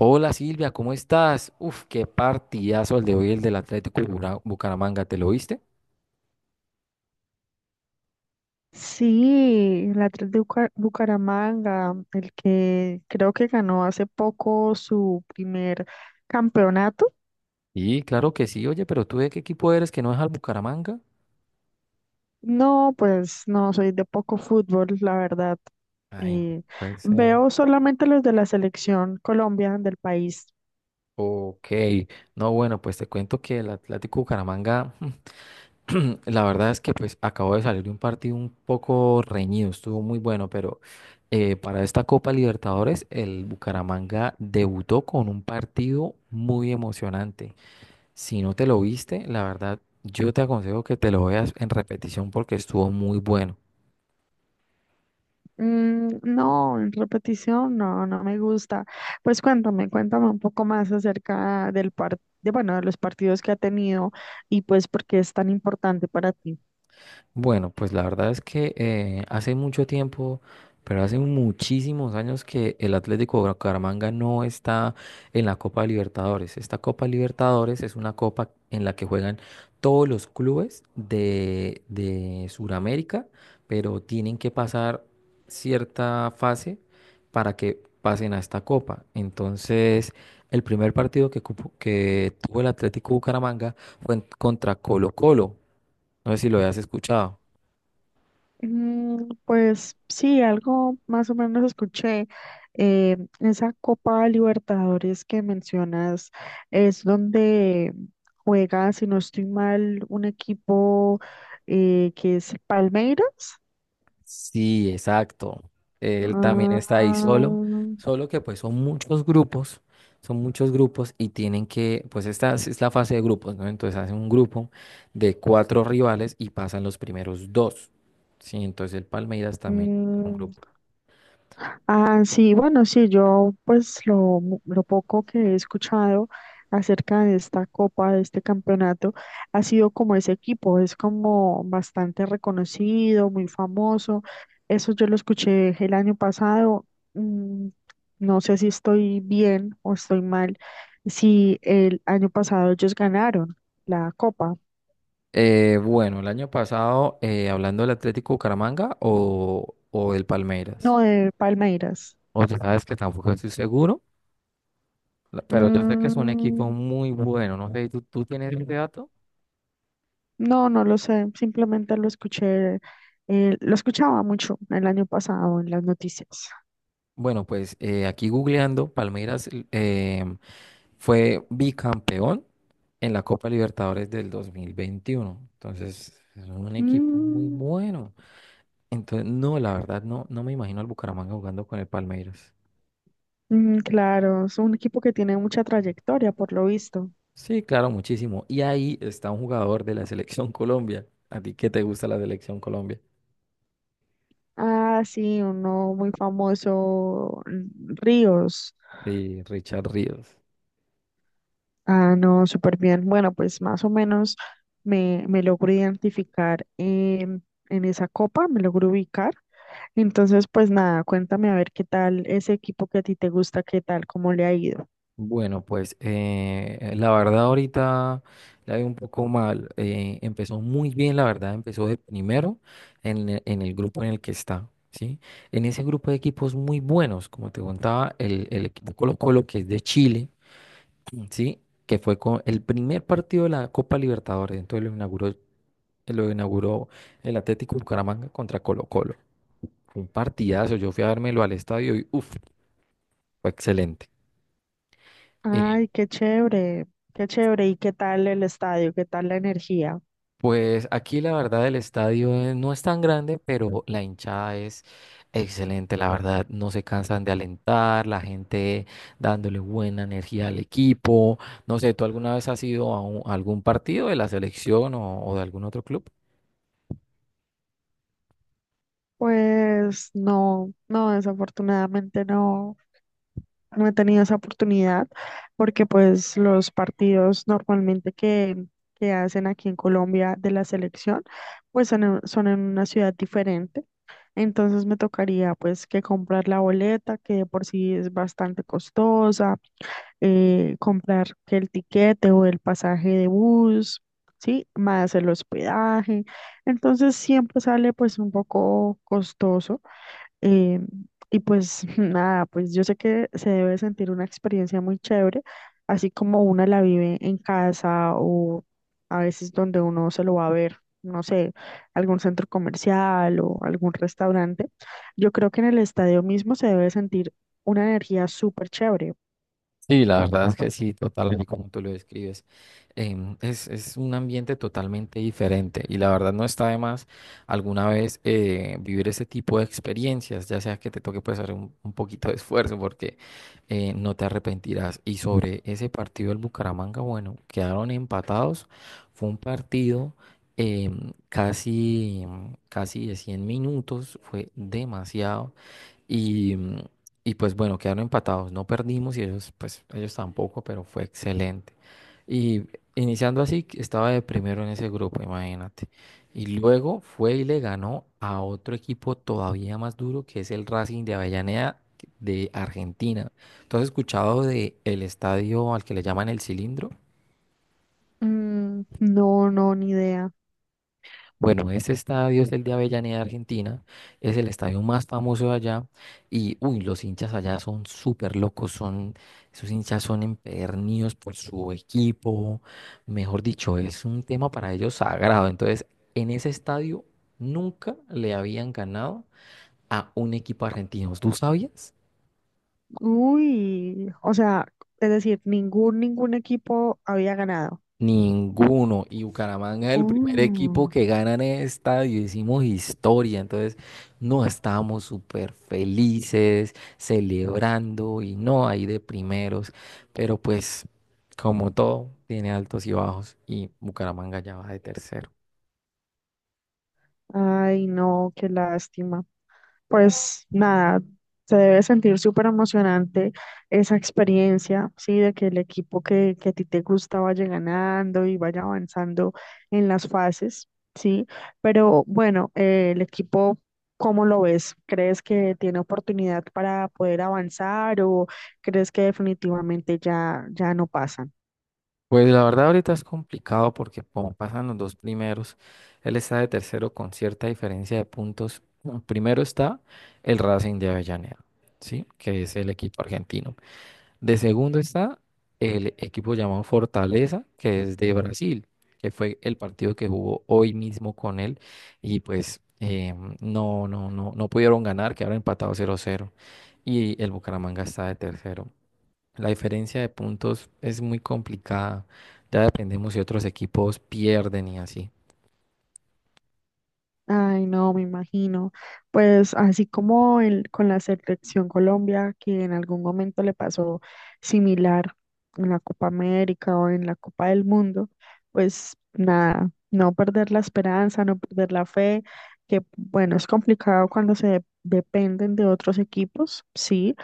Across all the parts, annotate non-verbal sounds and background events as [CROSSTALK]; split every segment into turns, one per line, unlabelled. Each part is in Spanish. Hola Silvia, ¿cómo estás? Uf, qué partidazo el de hoy, el del Atlético de Bucaramanga, ¿te lo viste?
Sí, la 3 de Bucaramanga, el que creo que ganó hace poco su primer campeonato.
Sí, claro que sí, oye, pero ¿tú de qué equipo eres que no es al Bucaramanga?
No, pues no, soy de poco fútbol, la verdad.
Ay, no
Eh,
puede ser.
Veo solamente los de la selección Colombia del país.
Ok, no, bueno, pues te cuento que el Atlético Bucaramanga, [CLEARS THROAT] la verdad es que pues acabó de salir de un partido un poco reñido, estuvo muy bueno, pero para esta Copa Libertadores el Bucaramanga debutó con un partido muy emocionante. Si no te lo viste, la verdad, yo te aconsejo que te lo veas en repetición porque estuvo muy bueno.
No, en repetición, no, no me gusta. Pues cuéntame, cuéntame un poco más acerca del par de, bueno, de los partidos que ha tenido y pues por qué es tan importante para ti.
Bueno, pues la verdad es que hace mucho tiempo, pero hace muchísimos años que el Atlético Bucaramanga no está en la Copa Libertadores. Esta Copa Libertadores es una copa en la que juegan todos los clubes de Sudamérica, pero tienen que pasar cierta fase para que pasen a esta copa. Entonces, el primer partido que tuvo el Atlético Bucaramanga fue contra Colo Colo. No sé si lo hayas escuchado.
Mm, pues sí, algo más o menos escuché. Esa Copa Libertadores que mencionas es donde juega, si no estoy mal, un equipo que es Palmeiras.
Sí, exacto. Él también está
Ah,
ahí solo, solo que pues son muchos grupos, y tienen que, pues esta es la fase de grupos, ¿no? Entonces hacen un grupo de cuatro rivales y pasan los primeros dos. Sí, entonces el Palmeiras también es un
mm,
grupo.
ah, sí, bueno, sí, yo pues lo, lo poco que he escuchado acerca de esta copa, de este campeonato, ha sido como ese equipo, es como bastante reconocido, muy famoso. Eso yo lo escuché el año pasado. Mm, no sé si estoy bien o estoy mal, si el año pasado ellos ganaron la copa,
Bueno, el año pasado, hablando del Atlético Bucaramanga o del Palmeiras,
no de Palmeiras.
o sea, sabes que tampoco estoy seguro, pero yo sé que es un equipo
Mm,
muy bueno, no sé, ¿tú tienes ese dato?
no, no lo sé, simplemente lo escuché, lo escuchaba mucho el año pasado en las noticias.
Bueno, pues aquí googleando, Palmeiras fue bicampeón en la Copa Libertadores del 2021. Entonces, es un equipo muy
Mm,
bueno. Entonces, no, la verdad, no, no me imagino al Bucaramanga jugando con el Palmeiras.
mm, claro, es un equipo que tiene mucha trayectoria, por lo visto.
Sí, claro, muchísimo. Y ahí está un jugador de la [LAUGHS] Selección Colombia. ¿A ti qué te gusta la Selección Colombia?
Ah, sí, uno muy famoso, mm, Ríos.
Sí, Richard Ríos.
Ah, no, súper bien. Bueno, pues más o menos me, me logro identificar em, en esa copa, me logro ubicar. Entonces, pues nada, cuéntame a ver qué tal ese equipo que a ti te gusta, qué tal, cómo le ha ido.
Bueno, pues la verdad ahorita la veo un poco mal. Empezó muy bien, la verdad, empezó de primero en el grupo en el que está, ¿sí? En ese grupo de equipos muy buenos, como te contaba, el equipo Colo-Colo, que es de Chile, ¿sí? Que fue con el primer partido de la Copa Libertadores, entonces lo inauguró el Atlético Bucaramanga contra Colo-Colo. Fue un partidazo, yo fui a dármelo al estadio y uff, fue excelente. Eh,
Ay, qué chévere, qué chévere. ¿Y qué tal el estadio? ¿Qué tal la energía?
Pues aquí la verdad el estadio no es tan grande, pero la hinchada es excelente, la verdad no se cansan de alentar, la gente dándole buena energía al equipo. No sé, ¿tú alguna vez has ido a algún partido de la selección o de algún otro club?
Pues no, no, desafortunadamente no, no he tenido esa oportunidad porque pues los partidos normalmente que hacen aquí en Colombia de la selección pues son en, son en una ciudad diferente. Entonces me tocaría pues que comprar la boleta que de por sí es bastante costosa, comprar que el tiquete o el pasaje de bus, ¿sí? Más el hospedaje. Entonces siempre sale pues un poco costoso. eh, y pues [LAUGHS] nada, pues yo sé que se debe sentir una experiencia muy chévere, así como una la vive en casa o a veces donde uno se lo va a ver. No sé, algún centro comercial o algún restaurante, yo creo que en el estadio mismo se debe sentir una energía súper chévere.
Sí, la verdad es que sí, totalmente como tú lo describes. Es un ambiente totalmente diferente y la verdad no está de más alguna vez vivir ese tipo de experiencias, ya sea que te toque pues hacer un poquito de esfuerzo porque no te arrepentirás. Y sobre ese partido del Bucaramanga, bueno, quedaron empatados. Fue un partido casi, casi de 100 minutos, fue demasiado. Y, mm, y pues bueno, quedaron empatados, no perdimos y ellos, pues ellos tampoco, pero fue excelente. Y iniciando así, que estaba de primero en ese grupo, imagínate. Y luego fue y le ganó a otro equipo todavía más duro, que es el Racing de Avellaneda de Argentina. ¿Tú has escuchado de el estadio al que le llaman el Cilindro?
Mm, no, no, ni idea.
Bueno, ese estadio es el de Avellaneda, Argentina, es el estadio más famoso de allá y, uy, los hinchas allá son súper locos, son, esos hinchas son empedernidos por su equipo, mejor dicho, es un tema para ellos sagrado. Entonces, en ese estadio nunca le habían ganado a un equipo argentino. ¿Tú sabías?
Uy, o sea, es decir, ningún, ningún equipo había ganado.
Ninguno. Y Bucaramanga es el primer equipo
Oh,
que gana en el estadio. Hicimos historia. Entonces, no estábamos súper felices, celebrando y no ahí de primeros. Pero pues, como todo, tiene altos y bajos. Y Bucaramanga ya va de tercero.
ay, no, qué lástima. Pues nada, se debe sentir súper emocionante esa experiencia, ¿sí? De que el equipo que a ti te gusta vaya ganando y vaya avanzando en las fases, ¿sí? Pero bueno, el equipo, ¿cómo lo ves? ¿Crees que tiene oportunidad para poder avanzar o crees que definitivamente ya, ya no pasan?
Pues la verdad ahorita es complicado porque como pasan los dos primeros, él está de tercero con cierta diferencia de puntos. Primero está el Racing de Avellaneda, ¿sí? Que es el equipo argentino. De segundo está el equipo llamado Fortaleza, que es de Brasil, que fue el partido que jugó hoy mismo con él y pues no, no, no, no pudieron ganar, quedaron empatados 0-0 y el Bucaramanga está de tercero. La diferencia de puntos es muy complicada, ya dependemos si otros equipos pierden y así.
Ay, no, me imagino. Pues así como el, con la selección Colombia, que en algún momento le pasó similar en la Copa América o en la Copa del Mundo, pues nada, no perder la esperanza, no perder la fe, que bueno, es complicado cuando se dependen de otros equipos, sí,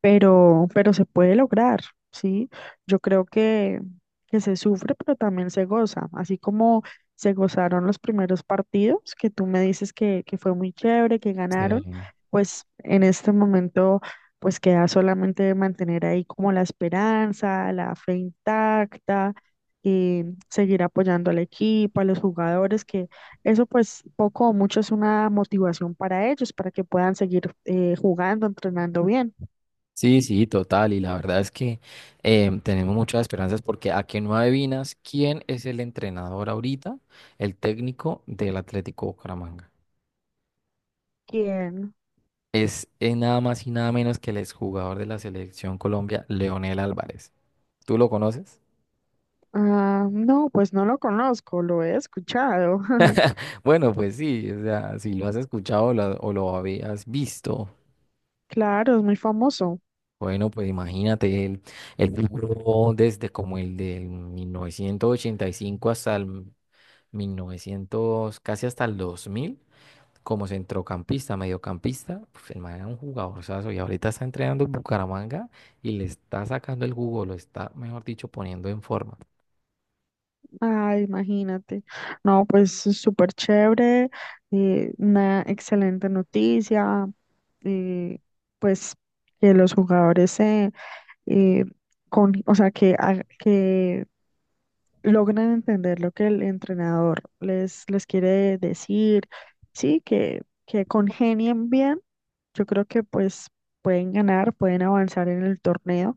pero se puede lograr, ¿sí? Yo creo que se sufre, pero también se goza, así como se gozaron los primeros partidos, que tú me dices que fue muy chévere, que ganaron,
Sí.
pues en este momento, pues queda solamente mantener ahí como la esperanza, la fe intacta. Y seguir apoyando al equipo, a los jugadores, que eso pues poco o mucho es una motivación para ellos, para que puedan seguir jugando, entrenando bien.
Sí, sí, total. Y la verdad es que tenemos muchas esperanzas porque a que no adivinas quién es el entrenador ahorita, el técnico del Atlético Bucaramanga.
¿Quién?
Es nada más y nada menos que el exjugador de la selección Colombia, Leonel Álvarez. ¿Tú lo conoces?
Ah, no, pues no lo conozco, lo he escuchado. [LAUGHS]
Bueno, pues sí, o sea, si lo has escuchado o o lo habías visto.
Claro, es muy famoso.
Bueno, pues imagínate, él vivió desde como el del 1985 hasta el 1900 casi hasta el 2000. Como centrocampista, mediocampista, pues el man era un jugadorzazo y ahorita está entrenando en Bucaramanga y le está sacando el jugo, lo está, mejor dicho, poniendo en forma.
Ah, imagínate. No, pues es súper chévere, una excelente noticia, eh, pues que los jugadores se, eh, con, o sea, que, que logren entender lo que el entrenador les, les quiere decir, sí, que congenien bien. Yo creo que pues pueden ganar, pueden avanzar en el torneo.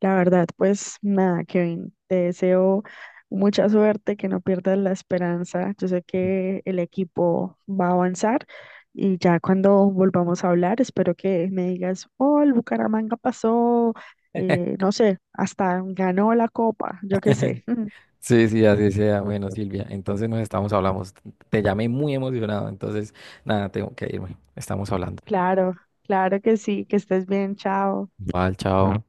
La verdad, pues nada, Kevin, te deseo mucha suerte, que no pierdas la esperanza. Yo sé que el equipo va a avanzar y ya cuando volvamos a hablar, espero que me digas, oh, el Bucaramanga pasó, no sé, hasta ganó la copa, yo qué sé. [LAUGHS]
Sí, sí, así sea. Bueno, Silvia, entonces nos estamos hablando. Te llamé muy emocionado, entonces nada, tengo que irme. Estamos hablando.
Claro, claro que sí, que estés bien, chao.
Vale, chao.